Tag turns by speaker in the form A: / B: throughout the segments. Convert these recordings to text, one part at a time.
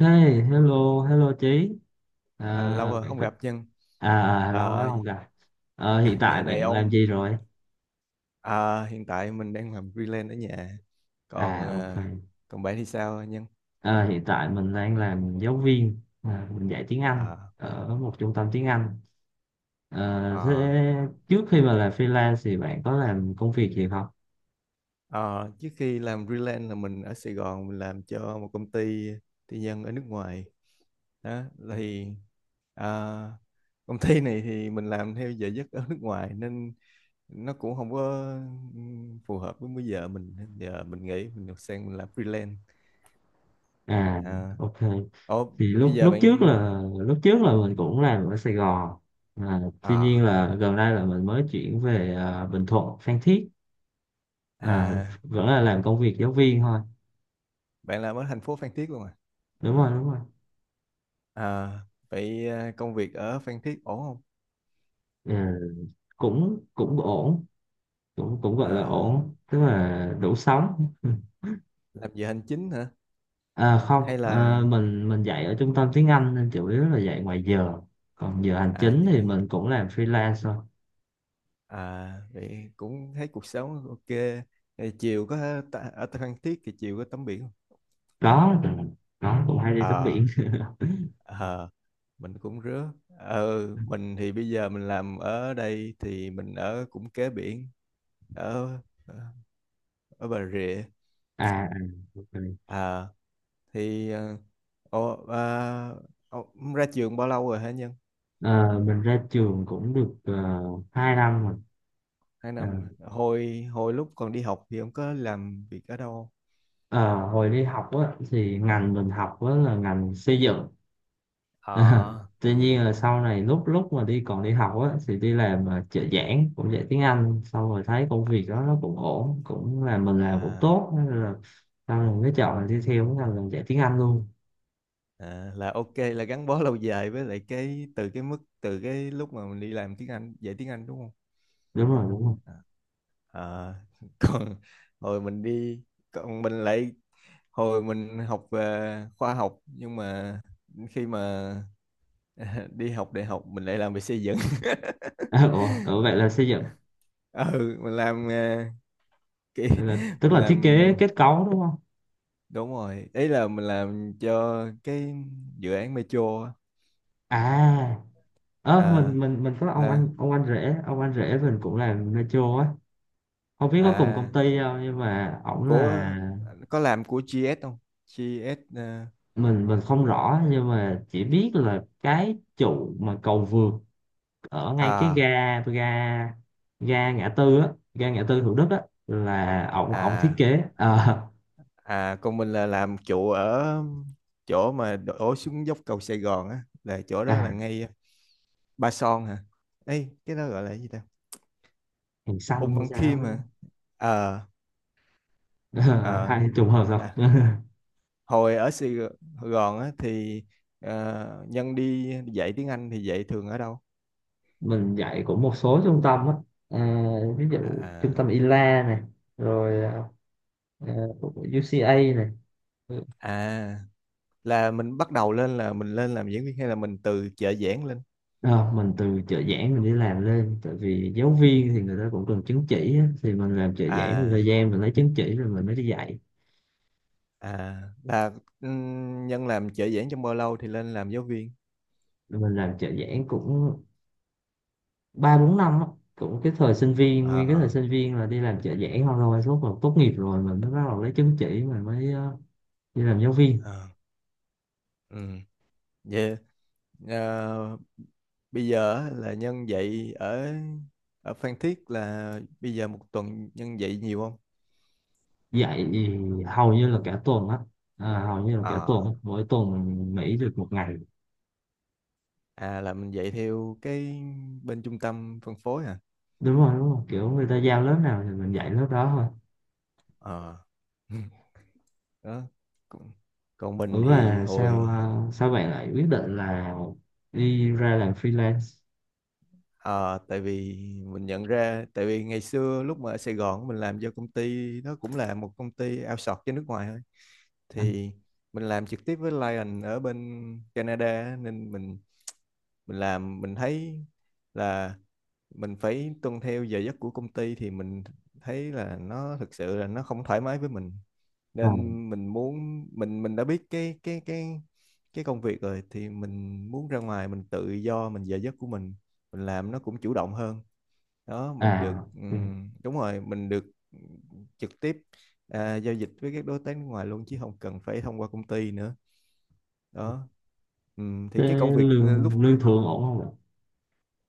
A: Hey, hello, hello Chí. À,
B: À, lâu rồi
A: bạn
B: không
A: có-
B: gặp Nhân.
A: à, à, Lâu quá
B: Ờ,
A: không gặp. Hiện
B: dạo
A: tại
B: này
A: bạn làm
B: ông
A: gì rồi?
B: à, hiện tại mình đang làm freelance ở nhà. Còn
A: À, ok.
B: à, còn bạn thì sao Nhân?
A: Ờ, Hiện tại mình đang làm giáo viên, mình dạy tiếng Anh
B: À,
A: ở một trung tâm tiếng Anh. Thế
B: à,
A: trước khi mà làm freelance thì bạn có làm công việc gì không?
B: Trước khi làm freelance là mình ở Sài Gòn mình làm cho một công ty tư nhân ở nước ngoài. Đó thì à, Công ty này thì mình làm theo giờ giấc ở nước ngoài nên nó cũng không có phù hợp với múi giờ mình, giờ mình nghĩ mình được sang mình làm freelance.
A: À,
B: À,
A: ok.
B: Ủa,
A: Thì
B: Bây
A: lúc
B: giờ bạn
A: lúc trước là mình cũng làm ở Sài Gòn. À, Tuy nhiên
B: à,
A: là gần đây là mình mới chuyển về Bình Thuận, Phan Thiết. à,
B: à
A: Vẫn là làm công việc giáo viên thôi.
B: bạn làm ở thành phố Phan Thiết luôn à?
A: Đúng rồi, đúng rồi.
B: À, Vậy à, công việc ở Phan Thiết ổn không?
A: Ừ, cũng cũng ổn, cũng cũng gọi là
B: À,
A: ổn, tức là đủ sống.
B: làm giờ hành chính hả?
A: Ừ. Không,
B: Hay là
A: mình dạy ở trung tâm tiếng Anh nên chủ yếu là dạy ngoài giờ, còn giờ hành
B: à
A: chính
B: vậy mà
A: thì
B: vậy.
A: mình cũng làm freelance thôi.
B: À vậy cũng thấy cuộc sống ok. Thì chiều ở Phan Thiết thì chiều có tắm biển không?
A: có có cũng hay đi tắm
B: À,
A: biển.
B: à mình cũng rứa. Ờ, mình thì bây giờ mình làm ở đây thì mình ở cũng kế biển, ở ờ, ở Bà Rịa.
A: À, à, ok.
B: À thì ờ, ồ, à, ồ, Ông ra trường bao lâu rồi hả Nhân?
A: Ờ, mình ra trường cũng được 2 năm rồi.
B: Hai
A: Ờ,
B: năm rồi. Hồi hồi lúc còn đi học thì ông có làm việc ở đâu không?
A: ờ, Hồi đi học á, thì ngành mình học á, là ngành xây dựng. À,
B: Ờ,
A: tuy nhiên là sau này lúc lúc mà đi còn đi học á thì đi làm trợ giảng, cũng dạy tiếng Anh, xong rồi thấy công việc đó nó cũng ổn, cũng là mình làm cũng
B: à,
A: tốt, nên là sau này mới chọn là đi theo cái ngành là dạy tiếng Anh luôn.
B: là ok, là gắn bó lâu dài với lại cái từ cái mức từ cái lúc mà mình đi làm tiếng Anh dạy tiếng Anh đúng không.
A: Đúng rồi, đúng rồi.
B: Ờ, còn hồi mình đi còn mình lại Hồi mình học về khoa học nhưng mà khi mà đi học đại học mình lại làm về xây dựng.
A: Ủa vậy là xây dựng,
B: Ừ mình làm, ờ, cái
A: là, tức
B: mình
A: là
B: làm,
A: thiết kế kết cấu đúng không?
B: đúng rồi, ý là mình làm cho cái dự án metro á.
A: À, ơ
B: À
A: mình có ông
B: là
A: anh, ông anh rể mình cũng làm metro á. Không biết có cùng công
B: à
A: ty không nhưng mà ổng là,
B: Của có làm của GS không? GS?
A: mình không rõ nhưng mà chỉ biết là cái trụ mà cầu vượt ở ngay cái
B: ờ, à
A: ga ga ga ngã tư á, ga ngã tư Thủ Đức á, là ổng ổng thiết
B: à
A: kế. Ờ,
B: À, còn mình là làm trụ ở chỗ mà đổ xuống dốc cầu Sài Gòn á, là chỗ đó
A: à,
B: là ngay Ba Son hả? Ấy, cái đó gọi là cái gì ta?
A: hàng
B: Ung
A: xanh hay
B: Văn
A: sao
B: Khiêm
A: á.
B: mà. Ờ.
A: Ờ,
B: ờ.
A: hay trùng hợp thật.
B: à, Hồi ở Sài Gòn á thì, ờ, Nhân đi dạy tiếng Anh thì dạy thường ở đâu?
A: Mình dạy cũng một số trung tâm á. Ờ, ví dụ
B: À,
A: trung
B: à,
A: tâm ILA này, rồi ờ, UCA này.
B: à, là mình bắt đầu lên là mình lên làm giảng viên hay là mình từ trợ giảng lên?
A: Ờ, mình từ trợ giảng mình đi làm lên, tại vì giáo viên thì người ta cũng cần chứng chỉ á. Thì mình làm trợ giảng một thời
B: À,
A: gian, mình lấy chứng chỉ rồi mình mới đi dạy.
B: là Nhân làm trợ giảng trong bao lâu thì lên làm giáo viên?
A: Rồi mình làm trợ giảng cũng ba bốn năm á. Cũng cái thời sinh viên, nguyên cái thời
B: à
A: sinh viên là đi làm trợ giảng không thôi, lúc mà tốt nghiệp rồi mình mới bắt đầu lấy chứng chỉ mình mới đi làm giáo viên.
B: à ừ Vậy à, bây giờ á, là nhân dạy ở ở Phan Thiết là bây giờ một tuần nhân dạy nhiều không?
A: Dạy thì hầu như là cả tuần á. Hầu như là cả tuần
B: à
A: á. Mỗi tuần mình nghỉ được một ngày.
B: là mình dạy theo cái bên trung tâm phân phối à.
A: Đúng rồi, đúng rồi, kiểu người ta giao lớp nào thì mình dạy lớp đó thôi.
B: ờ đó còn, còn mình
A: Ủa
B: thì
A: là sao
B: hồi
A: sao bạn lại quyết định là đi ra làm freelance?
B: à, Tại vì mình nhận ra, tại vì ngày xưa lúc mà ở Sài Gòn mình làm cho công ty nó cũng là một công ty outsource cho nước ngoài thôi.
A: À,
B: Thì mình làm trực tiếp với Lion ở bên Canada á, nên mình làm mình thấy là mình phải tuân theo giờ giấc của công ty thì mình thấy là nó thực sự là nó không thoải mái với mình,
A: à,
B: nên mình muốn mình đã biết cái công việc rồi thì mình muốn ra ngoài mình tự do mình giờ giấc của mình làm nó cũng chủ động hơn. Đó mình
A: à,
B: được
A: ừ.
B: đúng rồi mình được trực tiếp, à, giao dịch với các đối tác nước ngoài luôn chứ không cần phải thông qua công ty nữa. Đó. Thì
A: Thế
B: cái công việc ờ, lúc,
A: lương lương thường ổn không ạ?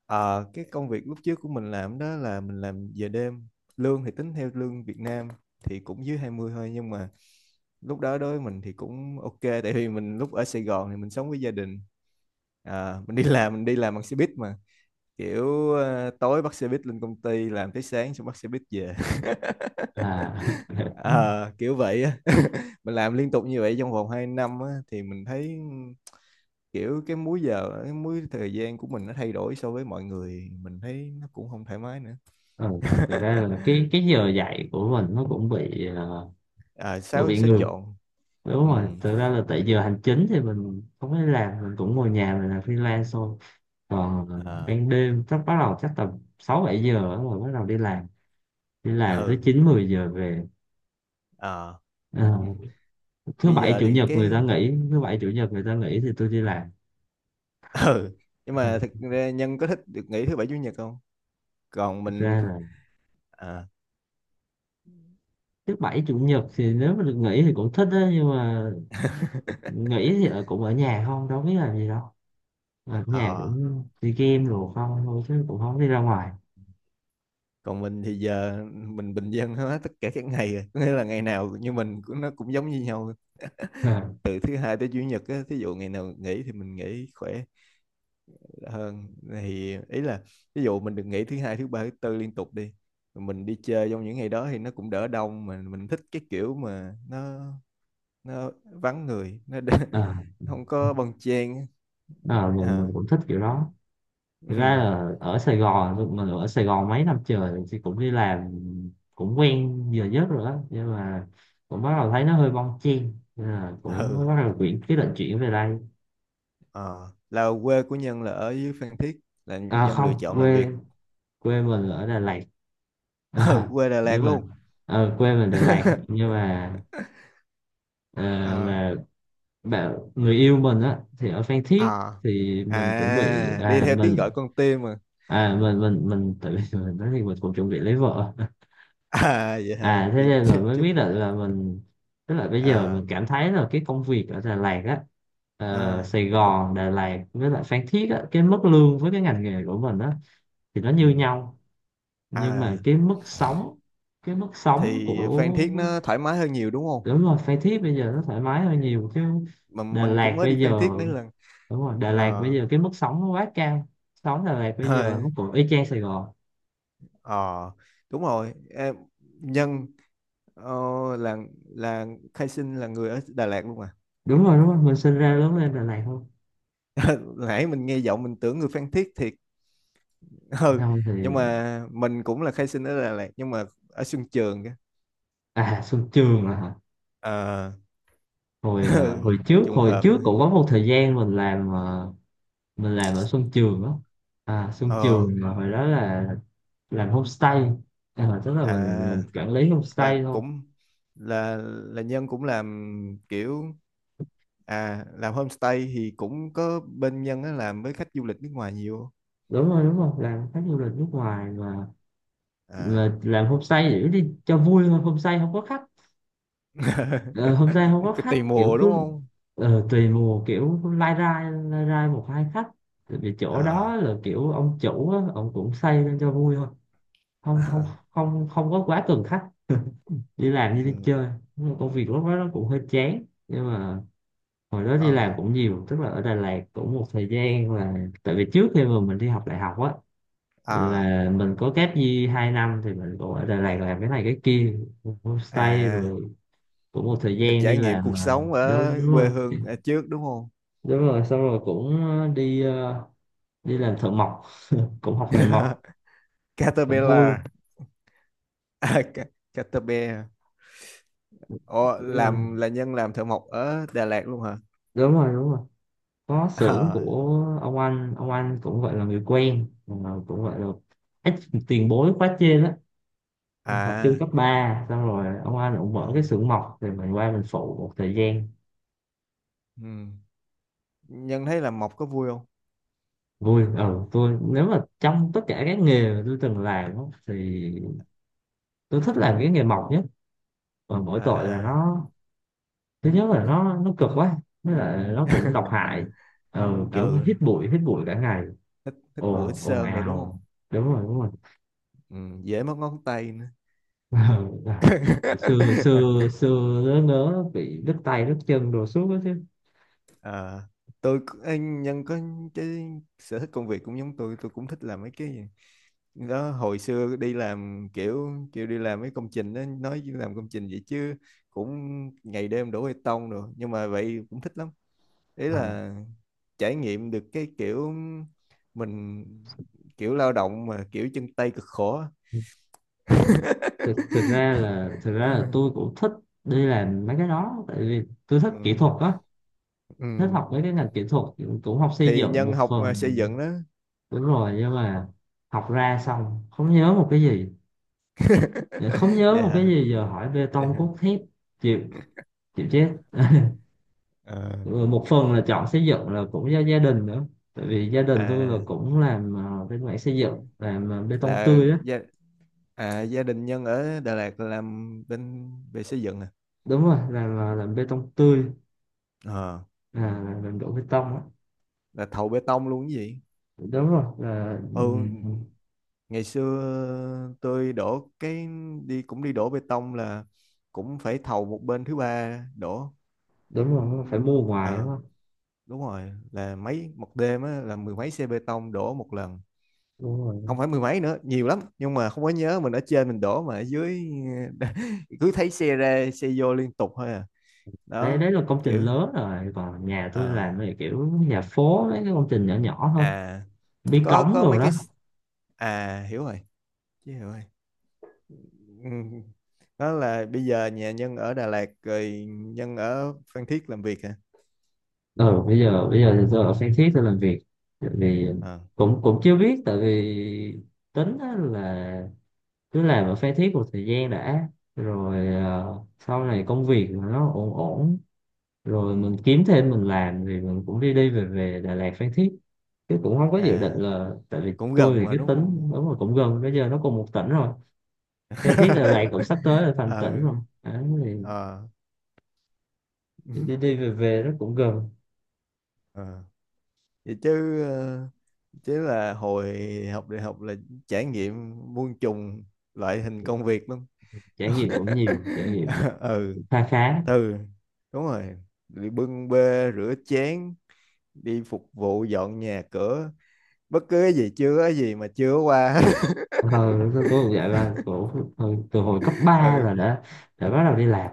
B: ờ, cái công việc lúc trước của mình làm đó là mình làm giờ đêm, lương thì tính theo lương Việt Nam thì cũng dưới 20 thôi nhưng mà lúc đó đối với mình thì cũng ok, tại vì mình lúc ở Sài Gòn thì mình sống với gia đình. À, mình đi làm, mình đi làm bằng xe buýt mà kiểu ờ, tối bắt xe buýt lên công ty làm tới sáng xong bắt xe buýt về.
A: À,
B: Ờ, kiểu vậy á. Mình làm liên tục như vậy trong vòng 2 năm á, thì mình thấy kiểu cái múi giờ cái múi thời gian của mình nó thay đổi so với mọi người, mình thấy nó cũng không thoải mái nữa.
A: ừ. Thực ra là cái giờ dạy của mình nó cũng bị
B: À,
A: cũng
B: xáo
A: bị
B: xáo
A: ngược.
B: trộn.
A: Đúng
B: ừ
A: rồi, thực ra là tại giờ hành chính thì mình không phải làm, mình cũng ngồi nhà mình làm freelance thôi. Còn
B: à,
A: ban đêm chắc bắt đầu, chắc tầm 6 7 giờ á, rồi bắt đầu đi làm. Đi làm tới
B: ừ
A: 9 10 giờ về.
B: à.
A: Ờ,
B: Bây giờ thì cái
A: thứ bảy chủ nhật người ta nghỉ thì tôi đi làm.
B: ừ nhưng mà thực ra Nhân có thích được nghỉ thứ bảy chủ nhật không? còn
A: Thực
B: mình
A: ra là
B: à,
A: thứ bảy chủ nhật thì nếu mà được nghỉ thì cũng thích á, nhưng mà nghỉ thì cũng ở nhà không, đâu biết làm gì đâu. Ờ, ở nhà
B: ờ,
A: cũng đi game rồi không thôi chứ cũng không đi ra ngoài.
B: Còn mình thì giờ mình bình dân hết tất cả các ngày rồi. Có nghĩa là ngày nào như mình cũng nó cũng giống như nhau,
A: Ờ,
B: từ thứ hai tới chủ nhật á, thí dụ ngày nào nghỉ thì mình nghỉ khỏe hơn, thì ý là ví dụ mình được nghỉ thứ hai thứ ba thứ tư liên tục đi, mình đi chơi trong những ngày đó thì nó cũng đỡ đông, mà mình thích cái kiểu mà nó vắng người nó
A: ờ,
B: không có bon chen.
A: ờ, mình,
B: à,
A: cũng thích kiểu đó. Thực ra
B: ừ,
A: là ở Sài Gòn mình ở Sài Gòn mấy năm trời thì cũng đi làm, cũng quen giờ giấc rồi đó, nhưng mà cũng bắt đầu thấy nó hơi bon chen. Nên là
B: ừ
A: cũng bắt đầu chuyển, cái định chuyển về đây.
B: ờ, là quê của Nhân là ở dưới Phan Thiết, là
A: À
B: Nhân lựa
A: không,
B: chọn làm
A: quê
B: việc.
A: quê mình ở Đà Lạt. À,
B: Ừ, quê Đà
A: nhưng
B: Lạt
A: mà
B: luôn.
A: ờ, quê mình Đà Lạt nhưng mà ờ,
B: à
A: mà bạn người yêu mình á thì ở Phan Thiết,
B: à,
A: thì mình chuẩn bị
B: À đi theo tiếng
A: mình,
B: gọi con tim mà.
A: à mình tự, mình nói thì mình cũng chuẩn bị lấy vợ.
B: À vậy hả,
A: À thế
B: vậy
A: nên là mới
B: chúc.
A: biết là mình, tức là bây giờ
B: à,
A: mình cảm thấy là cái công việc ở Đà Lạt á,
B: à,
A: Sài Gòn, Đà Lạt với lại Phan Thiết á, cái mức lương với cái ngành nghề của mình á thì nó như
B: ừ.
A: nhau, nhưng mà
B: À
A: cái mức sống, cái mức sống
B: thì Phan
A: của
B: Thiết nó thoải mái hơn nhiều đúng không.
A: đúng rồi, Phan Thiết bây giờ nó thoải mái hơn nhiều chứ.
B: Mà
A: Đà
B: mình cũng
A: Lạt
B: mới đi
A: bây
B: Phan Thiết
A: giờ
B: mấy lần.
A: Đúng rồi, Đà Lạt bây
B: ờ
A: giờ cái mức sống nó quá cao, sống Đà Lạt bây giờ nó
B: à
A: cũng y chang Sài Gòn.
B: ờ, đúng rồi em, Nhân. Ồ, là Khai Sinh là người ở Đà Lạt luôn à?
A: Đúng rồi, đúng rồi, mình sinh ra lớn lên Đà Lạt thôi.
B: Nãy mình nghe giọng mình tưởng người Phan Thiết thiệt. Ừ,
A: Không thì,
B: nhưng mà mình cũng là Khai Sinh ở Đà Lạt nhưng mà ở Xuân Trường kìa.
A: à Xuân Trường à hả?
B: Ờ,
A: Hồi hồi trước,
B: trùng
A: hồi
B: hợp.
A: trước cũng có một thời gian mình làm mình làm ở Xuân Trường đó. À Xuân
B: Ờ.
A: Trường, mà hồi đó là làm homestay. À, tức là
B: à
A: mình quản lý
B: là
A: homestay thôi.
B: cũng là Nhân cũng làm kiểu, à làm homestay thì cũng có bên Nhân á làm với khách du lịch nước ngoài nhiều không?
A: Đúng rồi, đúng rồi, làm khách du lịch nước ngoài mà
B: À.
A: mà làm homestay để đi cho vui thôi, homestay không có khách. Ờ, homestay không có
B: Cứ
A: khách,
B: tùy
A: kiểu
B: mùa đúng
A: cứ
B: không?
A: ờ, tùy mùa, kiểu lai rai, một hai khách. Tại vì chỗ
B: Ờ.
A: đó là kiểu ông chủ á, ông cũng xây lên cho vui thôi, không không không, không có quá cần khách, đi làm
B: Ừ.
A: như đi chơi. Nhưng mà công việc lúc đó nó cũng hơi chán, nhưng mà hồi đó đi làm
B: Ờ.
A: cũng nhiều, tức là ở Đà Lạt cũng một thời gian là, tại vì trước khi mà mình đi học đại học á,
B: à
A: là mình có kép gì hai năm thì mình cũng ở Đà Lạt làm
B: là-
A: cái này cái kia, homestay
B: à
A: rồi cũng một thời
B: là
A: gian đi
B: trải nghiệm
A: làm
B: cuộc sống ở
A: đúng, đúng rồi.
B: quê hương ở trước đúng không.
A: Đúng rồi, xong rồi cũng đi, đi làm thợ mộc, cũng học nghề mộc, cũng vui.
B: Caterpillar. Caterpillar. Ồ,
A: Đúng rồi,
B: làm là nhân làm thợ mộc ở Đà Lạt luôn hả.
A: đúng rồi, đúng rồi, có xưởng của
B: Ờ,
A: ông anh, cũng gọi là người quen, cũng gọi là ít tiền bối quá trên á, học chung
B: à,
A: cấp 3, xong rồi ông anh cũng
B: ờ,
A: mở cái xưởng mộc thì mình qua mình phụ một thời gian.
B: ừ. Nhân thấy làm mộc có vui không?
A: Vui, ờ tôi nếu mà trong tất cả các nghề mà tôi từng làm á, thì tôi thích làm cái nghề mộc nhất, và mỗi tội là
B: à
A: nó, thứ nhất là nó cực quá, với lại nó cũng độc hại. Ừ, kiểu
B: ừ
A: hít bụi, hít bụi cả ngày,
B: Thích bụi thích
A: ồn ồn
B: sơn rồi đúng không.
A: ào. Đúng rồi, đúng rồi.
B: Ừ, dễ mất ngón tay nữa.
A: Ừ, à, xưa, xưa nớ nớ bị đứt tay đứt chân đồ suốt đó chứ.
B: Ờ, ê, nhân có cái sở thích công việc cũng giống tôi cũng thích làm mấy cái đó. Hồi xưa đi làm kiểu kiểu đi làm mấy công trình đó, nói chứ làm công trình vậy chứ cũng ngày đêm đổ bê tông rồi nhưng mà vậy cũng thích lắm, ý
A: Ờ,
B: là trải nghiệm được cái kiểu mình kiểu lao động mà kiểu chân tay cực khổ á.
A: thực ra là, tôi cũng thích đi làm mấy cái đó, tại vì tôi thích kỹ
B: ừ.
A: thuật á, thích
B: Ừ.
A: học mấy cái ngành kỹ thuật, cũng học xây
B: Thì
A: dựng
B: nhân
A: một
B: học
A: phần.
B: à, xây dựng đó.
A: Đúng rồi, nhưng mà học ra xong không nhớ một cái gì, không nhớ một cái
B: Dạ.
A: gì, giờ hỏi bê
B: Dạ.
A: tông cốt thép chịu, chịu chết.
B: Ờ.
A: Ừ, một phần là chọn xây dựng là cũng do gia đình nữa, tại vì gia đình tôi là
B: À
A: cũng làm bên mảng xây dựng, làm bê tông
B: là
A: tươi á.
B: gia, à, gia đình Nhân ở Đà Lạt làm bên về xây dựng à.
A: Đúng rồi, làm làm bê tông tươi.
B: Ờ,
A: À, làm đổ bê tông á.
B: là thầu bê tông luôn cái gì.
A: Đúng rồi là
B: Ừ,
A: ừ,
B: ngày xưa tôi đổ cái, đi cũng đi đổ bê tông là cũng phải thầu một bên thứ ba đổ.
A: đúng rồi phải
B: Ừm,
A: mua ngoài đúng
B: ờ
A: không.
B: đúng rồi, là mấy một đêm á, là mười mấy xe bê tông đổ một lần,
A: Đúng rồi,
B: không phải mười mấy nữa nhiều lắm nhưng mà không có nhớ mình ở trên mình đổ mà ở dưới cứ thấy xe ra xe vô liên tục thôi à.
A: đấy
B: Đó
A: đấy là công
B: kiểu
A: trình lớn rồi, còn nhà tôi
B: ờ
A: làm thì kiểu nhà phố mấy cái công trình nhỏ nhỏ thôi,
B: à,
A: bí cống
B: có
A: đồ
B: mấy cái,
A: đó.
B: à hiểu rồi, chứ hiểu rồi. Ừ. Đó là bây giờ nhà Nhân ở Đà Lạt rồi Nhân ở Phan Thiết làm việc hả.
A: Ừ, bây giờ thì tôi ở Phan Thiết tôi làm việc, tại vì
B: Ờ,
A: cũng cũng chưa biết, tại vì tính á là cứ làm ở Phan Thiết một thời gian đã, rồi ờ, sau này công việc mà nó ổn ổn rồi
B: ừ.
A: mình kiếm thêm mình làm, thì mình cũng đi đi về về Đà Lạt, Phan Thiết. Chứ cũng không có dự định
B: À
A: là, tại vì
B: cũng
A: tôi
B: gần
A: thì
B: mà
A: cái
B: đúng không.
A: tính đúng là, cũng gần, bây giờ nó cùng một tỉnh rồi, Phan Thiết là lại cũng sắp tới là thành
B: ờ
A: tỉnh rồi. Đấy,
B: ờ
A: thì đi đi về về nó cũng gần.
B: ờ vậy chứ ờ, chứ là hồi học đại học là trải nghiệm muôn trùng loại hình công việc lắm.
A: Trải nghiệm cũng nhiều trải nghiệm,
B: ừ
A: khá khá.
B: ừ đúng rồi, đi bưng bê rửa chén, đi phục vụ dọn nhà cửa, bất cứ cái gì chưa có gì mà chưa qua.
A: Ờ, tôi cũng vậy là cổ, từ hồi cấp ba
B: ừ
A: là đã bắt đầu đi làm,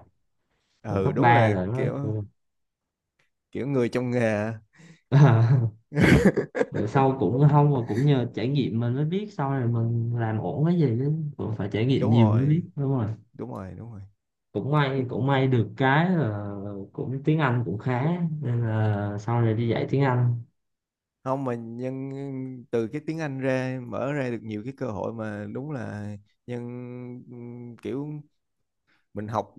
A: từ
B: ừ
A: cấp
B: đúng
A: 3
B: là
A: là nó.
B: kiểu, kiểu người trong nghề.
A: Rồi sau cũng không mà cũng nhờ trải nghiệm mình mới biết sau này mình làm ổn cái gì, chứ cũng phải trải nghiệm
B: Đúng
A: nhiều mới biết.
B: rồi
A: Đúng rồi,
B: đúng rồi đúng rồi.
A: cũng may, cũng may được cái là cũng tiếng Anh cũng khá nên là sau này đi
B: Ừ.
A: dạy tiếng Anh.
B: Không mà nhân, từ cái tiếng Anh ra mở ra được nhiều cái cơ hội mà đúng là nhân, kiểu mình học,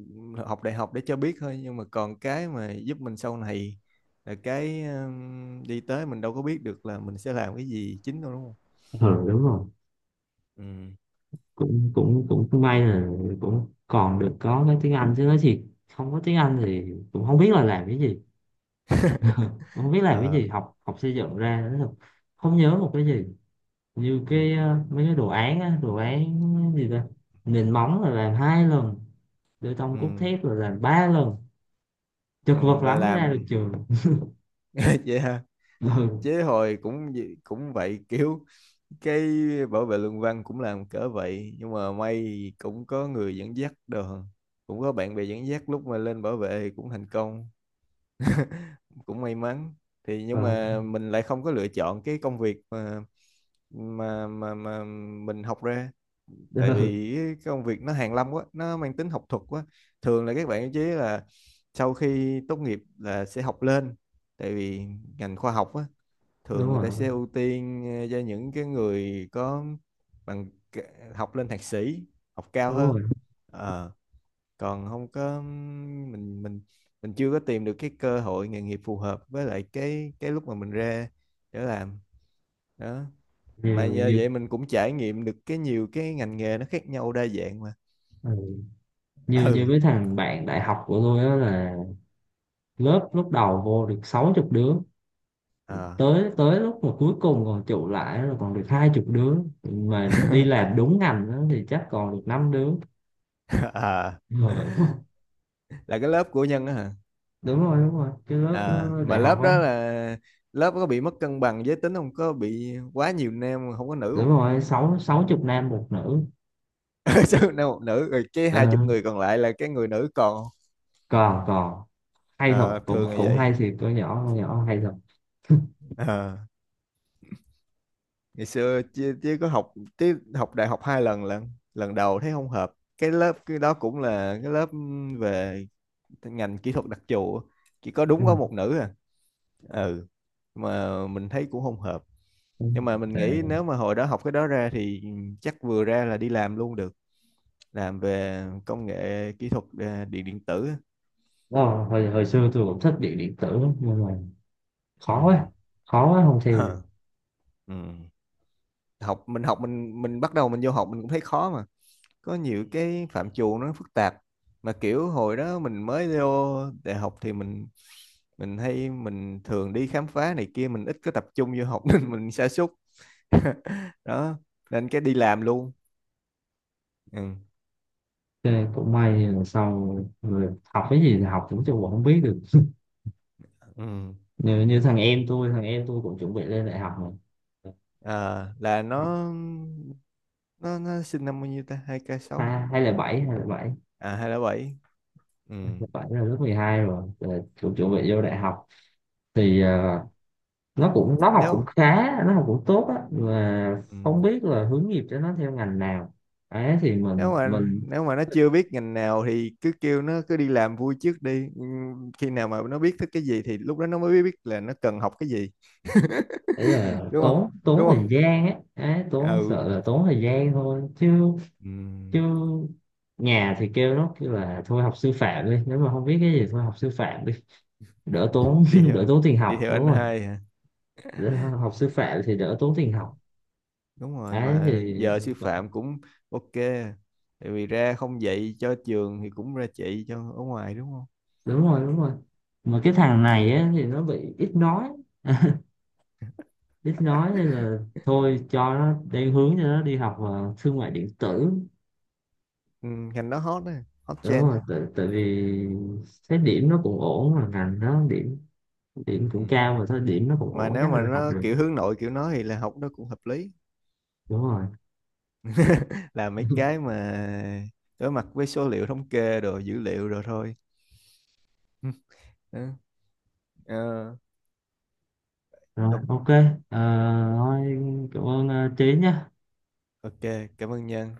B: học đại học để cho biết thôi nhưng mà còn cái mà giúp mình sau này là cái đi tới mình đâu có biết được là mình sẽ làm cái gì chính đâu đúng không.
A: Ừ, đúng rồi,
B: Ừ
A: cũng cũng cũng may là cũng còn được có cái tiếng Anh, chứ nói thiệt không có tiếng Anh thì cũng không biết là làm cái gì, không biết làm cái
B: ờ
A: gì. Học, xây dựng ra nói thật không nhớ một cái gì. Như
B: ừ
A: cái mấy cái đồ án á, đồ án gì ta Nền móng là làm hai lần, bê tông cốt
B: ừ.
A: thép là làm ba lần, chật vật
B: Là
A: lắm mới ra được
B: làm
A: trường.
B: vậy ha. Chứ hồi cũng vậy kiểu cái bảo vệ luận văn cũng làm cỡ vậy nhưng mà may cũng có người dẫn dắt đồ, cũng có bạn bè dẫn dắt lúc mà lên bảo vệ thì cũng thành công, cũng may mắn. Thì
A: Ừ,
B: nhưng
A: ừ,
B: mà mình lại không có lựa chọn cái công việc mà mà mình học ra, tại
A: ừ,
B: vì cái công việc nó hàn lâm quá nó mang tính học thuật quá, thường là các bạn chế là sau khi tốt nghiệp là sẽ học lên, tại vì ngành khoa học á
A: đúng
B: thường người ta sẽ
A: rồi,
B: ưu tiên ờ, cho những cái người có bằng học lên thạc sĩ, học cao
A: đúng
B: hơn.
A: rồi,
B: Ờ, còn không có mình mình mình chưa có tìm được cái cơ hội nghề nghiệp phù hợp với lại cái lúc mà mình ra để làm. Đó mà
A: nhiều
B: nhờ
A: nhiều.
B: vậy mình cũng trải nghiệm được cái nhiều cái ngành nghề nó khác nhau đa dạng mà.
A: Ừ. Nhiều nhiều
B: Ừ
A: mấy thằng bạn đại học của tôi á là, lớp lúc đầu vô được sáu chục đứa,
B: à.
A: tới tới lúc mà cuối cùng còn trụ lại rồi còn được hai chục đứa, mà đi làm đúng ngành đó thì chắc còn được năm đứa
B: À
A: rồi.
B: là cái lớp của Nhân á hả.
A: Đúng rồi, đúng rồi, cái lớp
B: À mà
A: đại học
B: lớp
A: á.
B: đó là lớp có bị mất cân bằng giới tính không, có bị quá nhiều nam không có nữ
A: Đúng
B: không.
A: rồi, sáu sáu chục nam, một nữ.
B: Sao nam một nữ rồi cái
A: Ờ,
B: hai chục người còn lại là cái người nữ còn không?
A: còn, hay thật,
B: Ờ,
A: cũng
B: thường là
A: cũng hay,
B: vậy.
A: thì con nhỏ, hay thật.
B: Ờ, ngày xưa chứ, chứ có học, chứ học đại học hai lần, lần lần đầu thấy không hợp, cái lớp cái đó cũng là cái lớp về ngành kỹ thuật đặc trù á, chỉ có
A: Ừ,
B: đúng có một nữ à. Ừ. Mà mình thấy cũng không hợp,
A: ừ.
B: nhưng mà mình
A: Tệ.
B: nghĩ nếu mà hồi đó học cái đó ra thì chắc vừa ra là đi làm luôn được, làm về công nghệ kỹ thuật ờ, điện điện tử.
A: Ờ, hồi, xưa tôi cũng thích điện, tử lắm, nhưng mà
B: Ừ.
A: khó quá, khó quá không theo được.
B: Ờ, ừ. Học mình học mình bắt đầu mình vô học mình cũng thấy khó mà, có nhiều cái phạm trù nó phức tạp, mà kiểu hồi đó mình mới vô đại học thì mình hay mình thường đi khám phá này kia mình ít có tập trung vô học nên mình sa sút. Đó nên cái đi làm luôn. Ừ.
A: Thế cũng may là sau, rồi học cái gì thì học, cũng chưa không biết được.
B: Ừ.
A: Như, thằng em tôi, cũng chuẩn bị lên đại học mà.
B: À, là
A: Học,
B: nó nó sinh năm bao nhiêu ta, hai k sáu à
A: hai hai là bảy hai là bảy
B: à 207. Ừ.
A: hai là bảy là lớp 12 rồi. Rồi ờ, cũng chuẩn bị
B: Ừ.
A: vô đại học thì nó cũng học
B: nếu
A: cũng khá, nó học cũng tốt á, mà
B: ừ.
A: không biết là hướng nghiệp cho nó theo ngành nào. Ấy thì
B: Nếu
A: mình,
B: mà nếu mà nó chưa biết ngành nào thì cứ kêu nó cứ đi làm vui trước đi. Ừ, khi nào mà nó biết thích cái gì thì lúc đó nó mới biết là nó cần học cái gì,
A: đấy là
B: đúng không,
A: tốn,
B: đúng
A: thời
B: không.
A: gian á, đấy,
B: Ừ.
A: tốn, sợ là tốn thời gian thôi chứ,
B: Ừ.
A: chứ nhà thì kêu nó, kêu là thôi học sư phạm đi, nếu mà không biết cái gì thôi học sư phạm đi, đỡ tốn
B: Đi theo
A: đỡ
B: anh,
A: tốn tiền
B: đi
A: học
B: theo anh
A: đúng rồi.
B: hai hả.
A: Đỡ, học sư phạm thì đỡ tốn tiền học.
B: Đúng rồi
A: Ấy thì
B: mà giờ sư phạm cũng ok, tại vì ra không dạy cho trường thì cũng ra dạy cho ở ngoài đúng không.
A: đúng rồi, đúng rồi. Mà cái thằng này á, thì nó bị ít nói, ít nói nên là thôi cho nó đang hướng cho nó đi học thương mại điện tử.
B: Ừ, ngành đó hot á, hot
A: Đúng
B: trend
A: rồi,
B: á.
A: tại vì thấy điểm nó cũng ổn, mà ngành nó điểm, cũng
B: Ừ.
A: cao, mà thôi điểm nó cũng
B: Mà
A: ổn
B: nếu
A: chắc
B: mà
A: là học
B: nó
A: được.
B: kiểu hướng nội kiểu nó thì là học nó cũng hợp lý.
A: Đúng rồi.
B: Là mấy cái mà đối mặt với số liệu thống kê đồ dữ liệu rồi thôi. Ừ. Ờ,
A: Rồi ok. Ờ, thôi, cảm ơn Trí nhé.
B: ok, cảm ơn Nhân.